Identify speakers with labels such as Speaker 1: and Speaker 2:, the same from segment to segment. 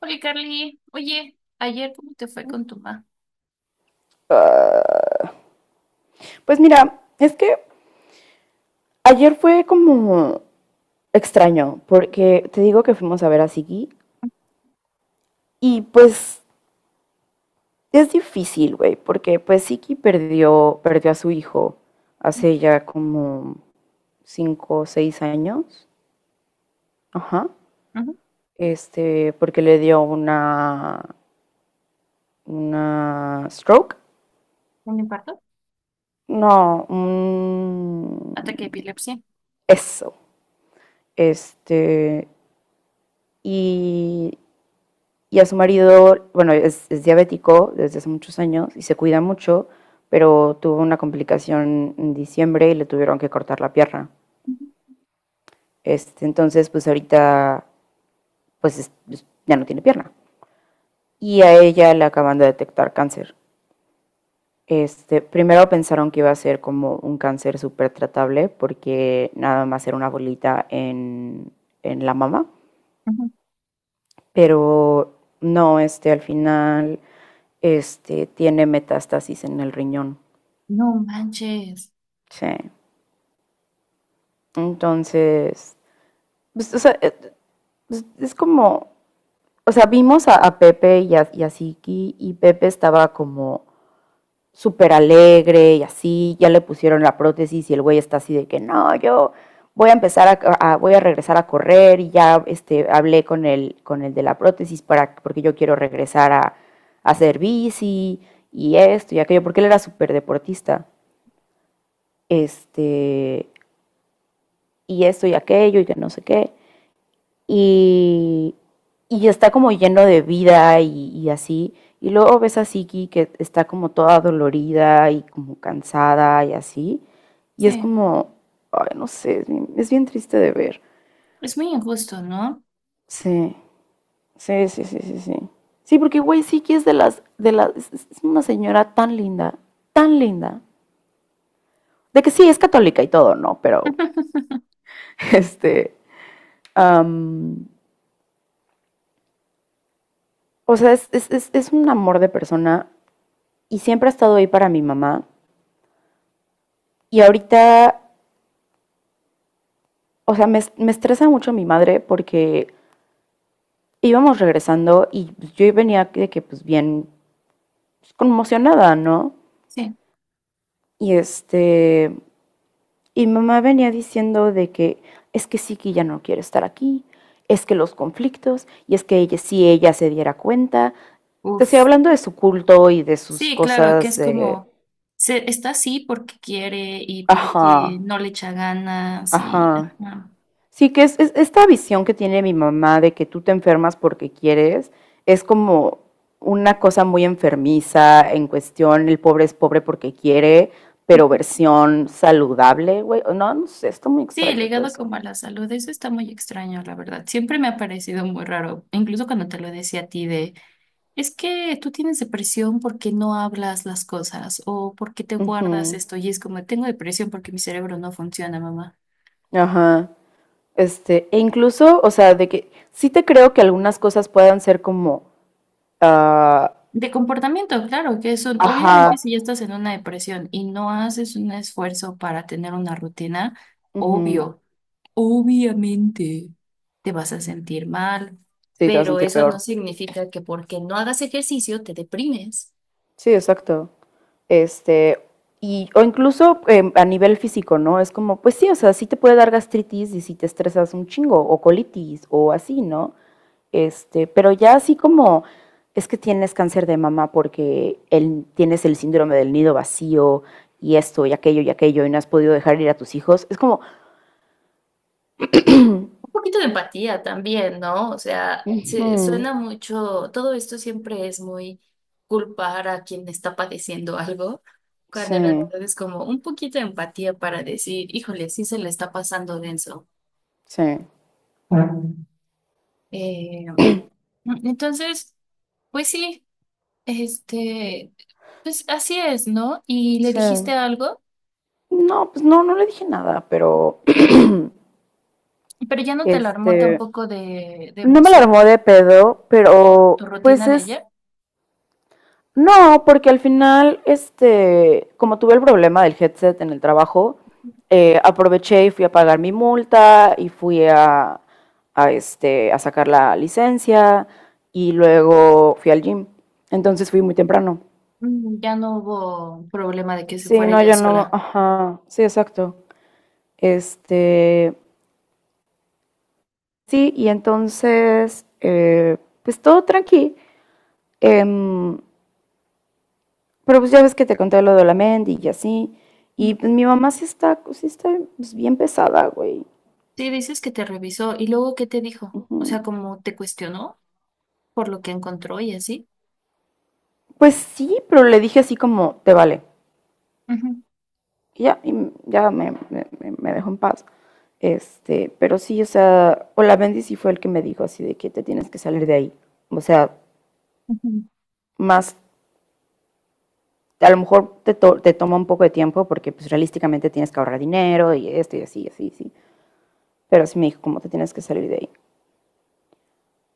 Speaker 1: Oye, Carly, oye, ayer ¿cómo te fue con tu mamá?
Speaker 2: Pues mira, es que ayer fue como extraño, porque te digo que fuimos a ver a Siki y pues es difícil, güey, porque pues Siki perdió a su hijo hace ya como 5 o 6 años, ajá,
Speaker 1: Ujú.
Speaker 2: porque le dio una stroke,
Speaker 1: ¿Un infarto?
Speaker 2: no,
Speaker 1: Ataque de epilepsia.
Speaker 2: eso, este, y Y a su marido, bueno, es diabético desde hace muchos años y se cuida mucho, pero tuvo una complicación en diciembre y le tuvieron que cortar la pierna.
Speaker 1: Ujú,
Speaker 2: Entonces, pues ahorita, pues ya no tiene pierna. Y a ella le acaban de detectar cáncer. Primero pensaron que iba a ser como un cáncer súper tratable porque nada más era una bolita en la mama,
Speaker 1: ujú.
Speaker 2: pero no, al final tiene metástasis en el riñón.
Speaker 1: No manches.
Speaker 2: Sí. Entonces, pues, o sea, pues, es como, o sea, vimos a Pepe y a Siki y Pepe estaba como súper alegre y así, ya le pusieron la prótesis y el güey está así de que no, yo voy a empezar voy a regresar a correr y ya hablé con el de la prótesis porque yo quiero regresar a hacer bici y esto y aquello, porque él era súper deportista, este, y esto y aquello y que no sé qué. y, y está como lleno de vida y así. Y luego ves a Siki que está como toda dolorida y como cansada y así. Y es
Speaker 1: Sí,
Speaker 2: como, ay, no sé, es bien triste de ver.
Speaker 1: es muy injusto, ¿no?
Speaker 2: Sí, sí, sí, sí, sí, sí. Sí, porque güey, Siki es de las, es una señora tan linda, tan linda. De que sí, es católica y todo, ¿no? Pero, este, am, o sea, es un amor de persona y siempre ha estado ahí para mi mamá. Y ahorita, o sea, me estresa mucho mi madre porque íbamos regresando y pues, yo venía de que, pues, bien pues, conmocionada, ¿no?
Speaker 1: Sí.
Speaker 2: Y este, y mamá venía diciendo de que es que sí que ya no quiere estar aquí, es que los conflictos, y es que ella, si ella se diera cuenta, te estoy
Speaker 1: Uf.
Speaker 2: hablando de su culto y de sus
Speaker 1: Sí, claro, que
Speaker 2: cosas
Speaker 1: es
Speaker 2: de,
Speaker 1: como, está así porque quiere y porque
Speaker 2: ajá,
Speaker 1: no le echa ganas y...
Speaker 2: ajá.
Speaker 1: ajá.
Speaker 2: Sí, que esta visión que tiene mi mamá de que tú te enfermas porque quieres, es como una cosa muy enfermiza en cuestión, el pobre es pobre porque quiere, pero versión saludable, güey. No, no sé, está muy
Speaker 1: Sí,
Speaker 2: extraño todo
Speaker 1: ligado
Speaker 2: eso.
Speaker 1: como a la salud, eso está muy extraño, la verdad. Siempre me ha parecido muy raro, incluso cuando te lo decía a ti de... Es que tú tienes depresión porque no hablas las cosas o porque te guardas
Speaker 2: Ujú,
Speaker 1: esto y es como, tengo depresión porque mi cerebro no funciona, mamá.
Speaker 2: ajá. E incluso, o sea, de que sí te creo que algunas cosas puedan ser como, ah,
Speaker 1: De comportamiento, claro, que eso, obviamente
Speaker 2: ajá,
Speaker 1: si ya estás en una depresión y no haces un esfuerzo para tener una rutina,
Speaker 2: ujú,
Speaker 1: obvio, obviamente te vas a sentir mal,
Speaker 2: sí, te vas a
Speaker 1: pero
Speaker 2: sentir
Speaker 1: eso no
Speaker 2: peor.
Speaker 1: significa que porque no hagas ejercicio te deprimes.
Speaker 2: Sí, exacto. Este, o incluso a nivel físico, ¿no? Es como, pues sí, o sea, sí te puede dar gastritis y si te estresas un chingo, o colitis, o así, ¿no? Pero ya así como, es que tienes cáncer de mama porque tienes el síndrome del nido vacío y esto y aquello y aquello y no has podido dejar ir a tus hijos. Es como,
Speaker 1: Un poquito de empatía también, ¿no? O sea,
Speaker 2: ujú,
Speaker 1: suena mucho, todo esto siempre es muy culpar a quien está padeciendo algo,
Speaker 2: sí,
Speaker 1: cuando en realidad es como un poquito de empatía para decir, híjole, sí se le está pasando denso.
Speaker 2: sí,
Speaker 1: Eh, entonces, pues sí, este, pues así es, ¿no? Y le
Speaker 2: sí.
Speaker 1: dijiste algo,
Speaker 2: No, pues no, no le dije nada, pero
Speaker 1: pero ya no te alarmó
Speaker 2: este,
Speaker 1: tampoco de,
Speaker 2: no me la
Speaker 1: emoción
Speaker 2: armó de
Speaker 1: por,
Speaker 2: pedo,
Speaker 1: tu
Speaker 2: pero pues
Speaker 1: rutina de
Speaker 2: es...
Speaker 1: ayer.
Speaker 2: No, porque al final, como tuve el problema del headset en el trabajo, aproveché y fui a pagar mi multa y fui a sacar la licencia y luego fui al gym. Entonces fui muy temprano.
Speaker 1: Mm, ya no hubo problema de que se
Speaker 2: Sí,
Speaker 1: fuera
Speaker 2: no,
Speaker 1: ella
Speaker 2: yo no,
Speaker 1: sola.
Speaker 2: ajá, sí, exacto. Este, sí, y entonces, pues todo tranqui. Em, Pero pues ya ves que te conté lo de la Mendy y así.
Speaker 1: Mm.
Speaker 2: Y pues mi mamá sí está pues, bien pesada, güey.
Speaker 1: Sí, dices que te revisó y luego ¿qué te dijo? O sea,
Speaker 2: Ujú.
Speaker 1: como te cuestionó por lo que encontró y así?
Speaker 2: Pues sí, pero le dije así como, te vale.
Speaker 1: Ujú,
Speaker 2: Y ya me dejó en paz. Pero sí, o sea, o la Bendy sí fue el que me dijo así de que te tienes que salir de ahí. O sea,
Speaker 1: ujú.
Speaker 2: más, a lo mejor te toma un poco de tiempo porque pues realísticamente tienes que ahorrar dinero y esto y así, y así, y así. Pero sí me dijo como te tienes que salir de ahí.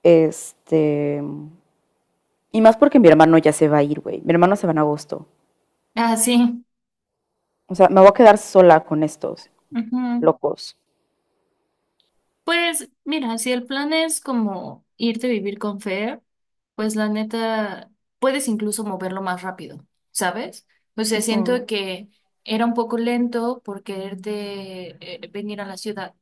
Speaker 2: Este, Y más porque mi hermano ya se va a ir, güey. Mi hermano se va en agosto.
Speaker 1: Ah, sí.
Speaker 2: O sea, me voy a quedar sola con estos
Speaker 1: Ujú.
Speaker 2: locos.
Speaker 1: Pues mira, si el plan es como irte a vivir con Fer, pues la neta, puedes incluso moverlo más rápido, ¿sabes? O sea, siento
Speaker 2: Ujú,
Speaker 1: que era un poco lento por quererte venir a la ciudad,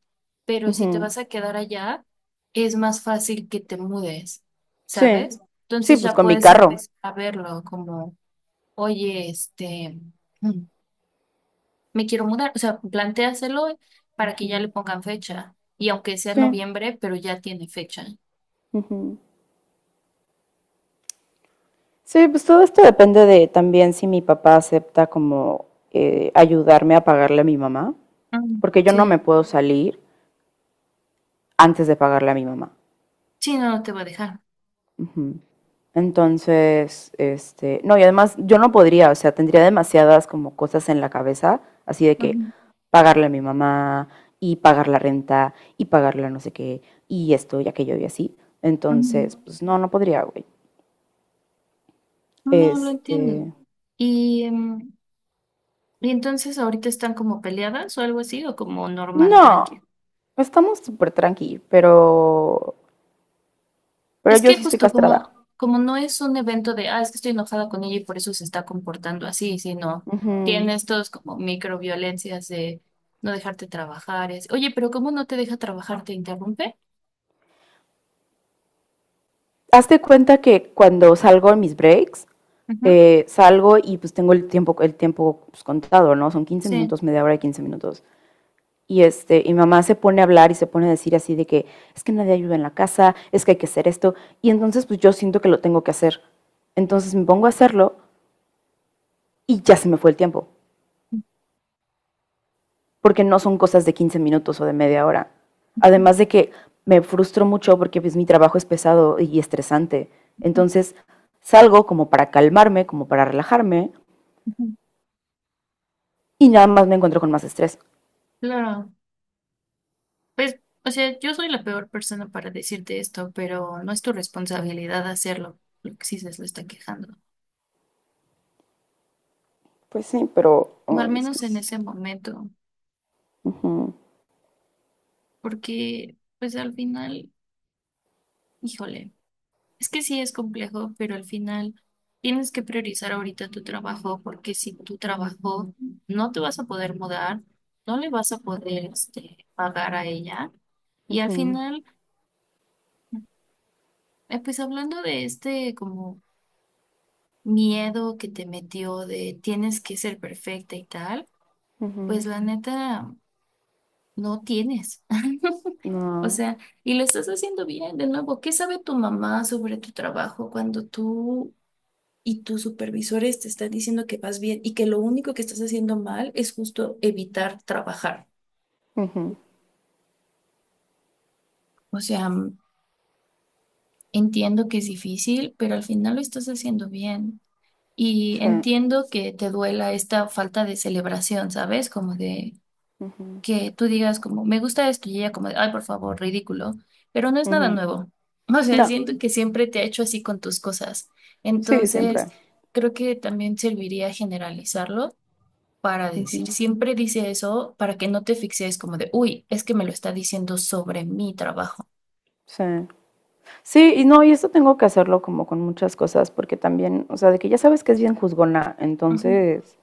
Speaker 1: pero si te
Speaker 2: ujú.
Speaker 1: vas a quedar allá, es más fácil que te mudes,
Speaker 2: Sí.
Speaker 1: ¿sabes?
Speaker 2: Sí,
Speaker 1: Entonces
Speaker 2: pues
Speaker 1: ya
Speaker 2: con mi
Speaker 1: puedes
Speaker 2: carro.
Speaker 1: empezar a verlo como, oye, mm, me quiero mudar. O sea, plantéaselo para que ya le
Speaker 2: Ujú,
Speaker 1: pongan fecha. Y aunque sea
Speaker 2: sí.
Speaker 1: noviembre, pero ya tiene fecha.
Speaker 2: Ujú. Sí, pues todo esto depende de también si mi papá acepta como ayudarme a pagarle a mi mamá,
Speaker 1: Mm,
Speaker 2: porque yo no me
Speaker 1: sí,
Speaker 2: puedo salir antes de pagarle a mi mamá.
Speaker 1: sí, no, no te va a dejar.
Speaker 2: Ujú. Entonces, no, y además yo no podría, o sea, tendría demasiadas como cosas en la cabeza, así de que
Speaker 1: Ujú,
Speaker 2: pagarle a mi mamá y pagar la renta y pagarle a no sé qué y esto y aquello y así.
Speaker 1: ujú.
Speaker 2: Entonces, pues no, no podría, güey.
Speaker 1: No lo entiendo.
Speaker 2: Este,
Speaker 1: Y, y entonces ahorita ¿están como peleadas o algo así, o como normal,
Speaker 2: no,
Speaker 1: tranqui?
Speaker 2: estamos súper tranqui, pero
Speaker 1: Es
Speaker 2: yo
Speaker 1: que
Speaker 2: sí estoy
Speaker 1: justo
Speaker 2: castrada.
Speaker 1: como, como no es un evento de, ah, es que estoy enojada con ella y por eso se está comportando así, sino
Speaker 2: Ujú.
Speaker 1: tiene estos como microviolencias de no dejarte trabajar. Es, oye, pero ¿cómo no te deja trabajar? ¿Te interrumpe?
Speaker 2: Hazte cuenta que cuando salgo en mis breaks, salgo y pues tengo el tiempo pues, contado, ¿no? Son quince
Speaker 1: Sí,
Speaker 2: minutos, media hora y 15 minutos. Y mi mamá se pone a hablar y se pone a decir así de que es que nadie ayuda en la casa, es que hay que hacer esto. Y entonces pues yo siento que lo tengo que hacer. Entonces me pongo a hacerlo y ya se me fue el tiempo, porque no son cosas de 15 minutos o de media hora. Además de que me frustro mucho porque pues mi trabajo es pesado y estresante.
Speaker 1: ujú,
Speaker 2: Entonces salgo como para calmarme, como para relajarme
Speaker 1: ujú.
Speaker 2: y nada más me encuentro con más estrés.
Speaker 1: Claro. Pues, o sea, yo soy la peor persona para decirte esto, pero no es tu responsabilidad hacerlo, lo que sí se lo está quejando.
Speaker 2: Pues sí, pero
Speaker 1: O al
Speaker 2: ay, es que
Speaker 1: menos en ese momento,
Speaker 2: ujú,
Speaker 1: porque, pues al final, híjole, es que sí es complejo, pero al final tienes que priorizar ahorita tu trabajo, porque si tu trabajo no te vas a poder mudar, no le vas a poder, pagar a ella, y al
Speaker 2: ujú,
Speaker 1: final... pues hablando de este como miedo que te metió de tienes que ser perfecta y tal,
Speaker 2: ujú,
Speaker 1: pues la neta no tienes. O
Speaker 2: no,
Speaker 1: sea, y lo estás haciendo bien de nuevo. ¿Qué sabe tu mamá sobre tu trabajo cuando tú y tus supervisores te están diciendo que vas bien y que lo único que estás haciendo mal es justo evitar trabajar?
Speaker 2: ujú,
Speaker 1: O sea, mm, entiendo que es difícil, pero al final lo estás haciendo bien. Y
Speaker 2: sí,
Speaker 1: entiendo que te duela esta falta de celebración, ¿sabes? Como de...
Speaker 2: ujú,
Speaker 1: que tú digas como, me gusta esto y ella como, de, ay, por favor, ridículo, pero no es nada
Speaker 2: ujú,
Speaker 1: nuevo. O sea,
Speaker 2: no,
Speaker 1: siento que siempre te ha hecho así con tus cosas.
Speaker 2: sí,
Speaker 1: Entonces,
Speaker 2: siempre.
Speaker 1: creo que también serviría generalizarlo para decir,
Speaker 2: Ujú,
Speaker 1: siempre dice eso para que no te fijes como de, uy, es que me lo está diciendo sobre mi trabajo.
Speaker 2: sí. Sí, y no, y esto tengo que hacerlo como con muchas cosas, porque también, o sea, de que ya sabes que es bien juzgona,
Speaker 1: Ujú,
Speaker 2: entonces,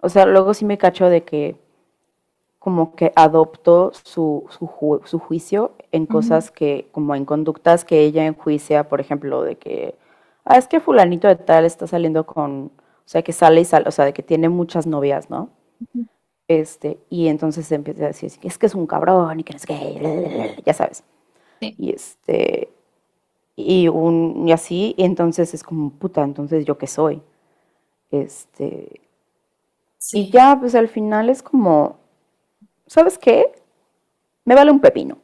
Speaker 2: o sea, luego sí me cacho de que, como que adoptó su juicio en
Speaker 1: ujú,
Speaker 2: cosas que, como en conductas que ella enjuicia, por ejemplo, de que, ah, es que fulanito de tal está saliendo con, o sea, que sale y sale, o sea, de que tiene muchas novias, ¿no?
Speaker 1: ujú.
Speaker 2: Y entonces se empieza a decir, es que es un cabrón y que no es que, ya sabes.
Speaker 1: Sí.
Speaker 2: Y este, y así, y entonces es como, puta, entonces yo qué soy. Este, y
Speaker 1: Sí.
Speaker 2: ya, pues al final es como, ¿sabes qué? Me vale un pepino.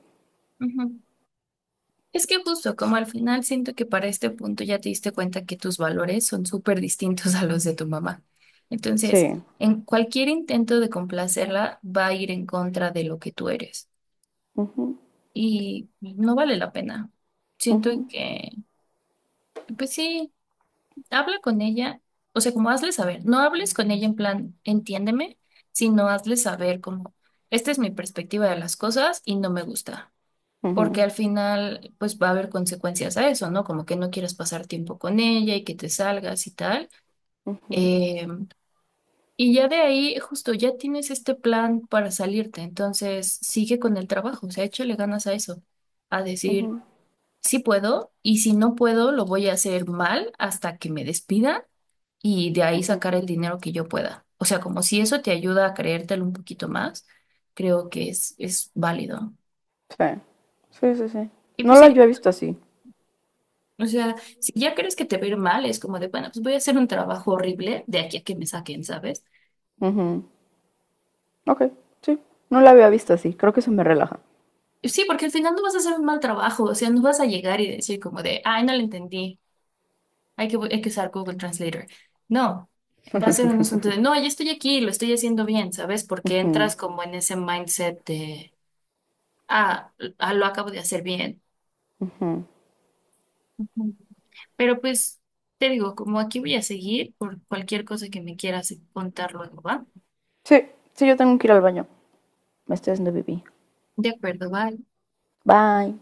Speaker 1: Es que justo como al final siento que para este punto ya te diste cuenta que tus valores son súper distintos a los de tu mamá. Entonces,
Speaker 2: Sí.
Speaker 1: en cualquier intento de complacerla va a ir en contra de lo que tú eres
Speaker 2: Ujú,
Speaker 1: y no vale la pena. Siento
Speaker 2: ujú,
Speaker 1: que, pues sí, habla con ella, o sea, como hazle saber, no hables con ella en plan, entiéndeme, sino hazle saber como, esta es mi perspectiva de las cosas y no me gusta. Porque
Speaker 2: ujú,
Speaker 1: al final pues va a haber consecuencias a eso, ¿no? Como que no quieras pasar tiempo con ella y que te salgas y tal.
Speaker 2: ujú,
Speaker 1: Eh, y ya de ahí, justo, ya tienes este plan para salirte, entonces sigue con el trabajo, o sea, échale ganas a eso, a decir,
Speaker 2: ujú,
Speaker 1: sí puedo y si no puedo, lo voy a hacer mal hasta que me despidan y de ahí
Speaker 2: ujú.
Speaker 1: sacar el dinero que yo pueda. O sea, como si eso te ayuda a creértelo un poquito más, creo que es válido.
Speaker 2: Sí, sí, sí, sí.
Speaker 1: Y pues
Speaker 2: No la
Speaker 1: sí,
Speaker 2: había visto así.
Speaker 1: o sea, si ya crees que te va a ir mal, es como de, bueno, pues voy a hacer un trabajo horrible de aquí a que me saquen, ¿sabes?
Speaker 2: Ujú, ok, sí. No la había visto así. Creo que eso me relaja.
Speaker 1: Sí, porque al final no vas a hacer un mal trabajo, o sea, no vas a llegar y decir como de, ay, no lo entendí, hay que usar Google Translator. No, va a ser un asunto de, no, ya estoy aquí, lo estoy haciendo bien, ¿sabes? Porque
Speaker 2: Ujú,
Speaker 1: entras como en ese mindset de, ah, ah, lo acabo de hacer bien.
Speaker 2: ujú.
Speaker 1: Ujú. Pero pues, te digo, como aquí voy a seguir por cualquier cosa que me quieras contar luego, ¿va?
Speaker 2: Sí, sí, yo tengo que ir al baño. Me estoy haciendo pipí.
Speaker 1: De acuerdo, va.
Speaker 2: Bye.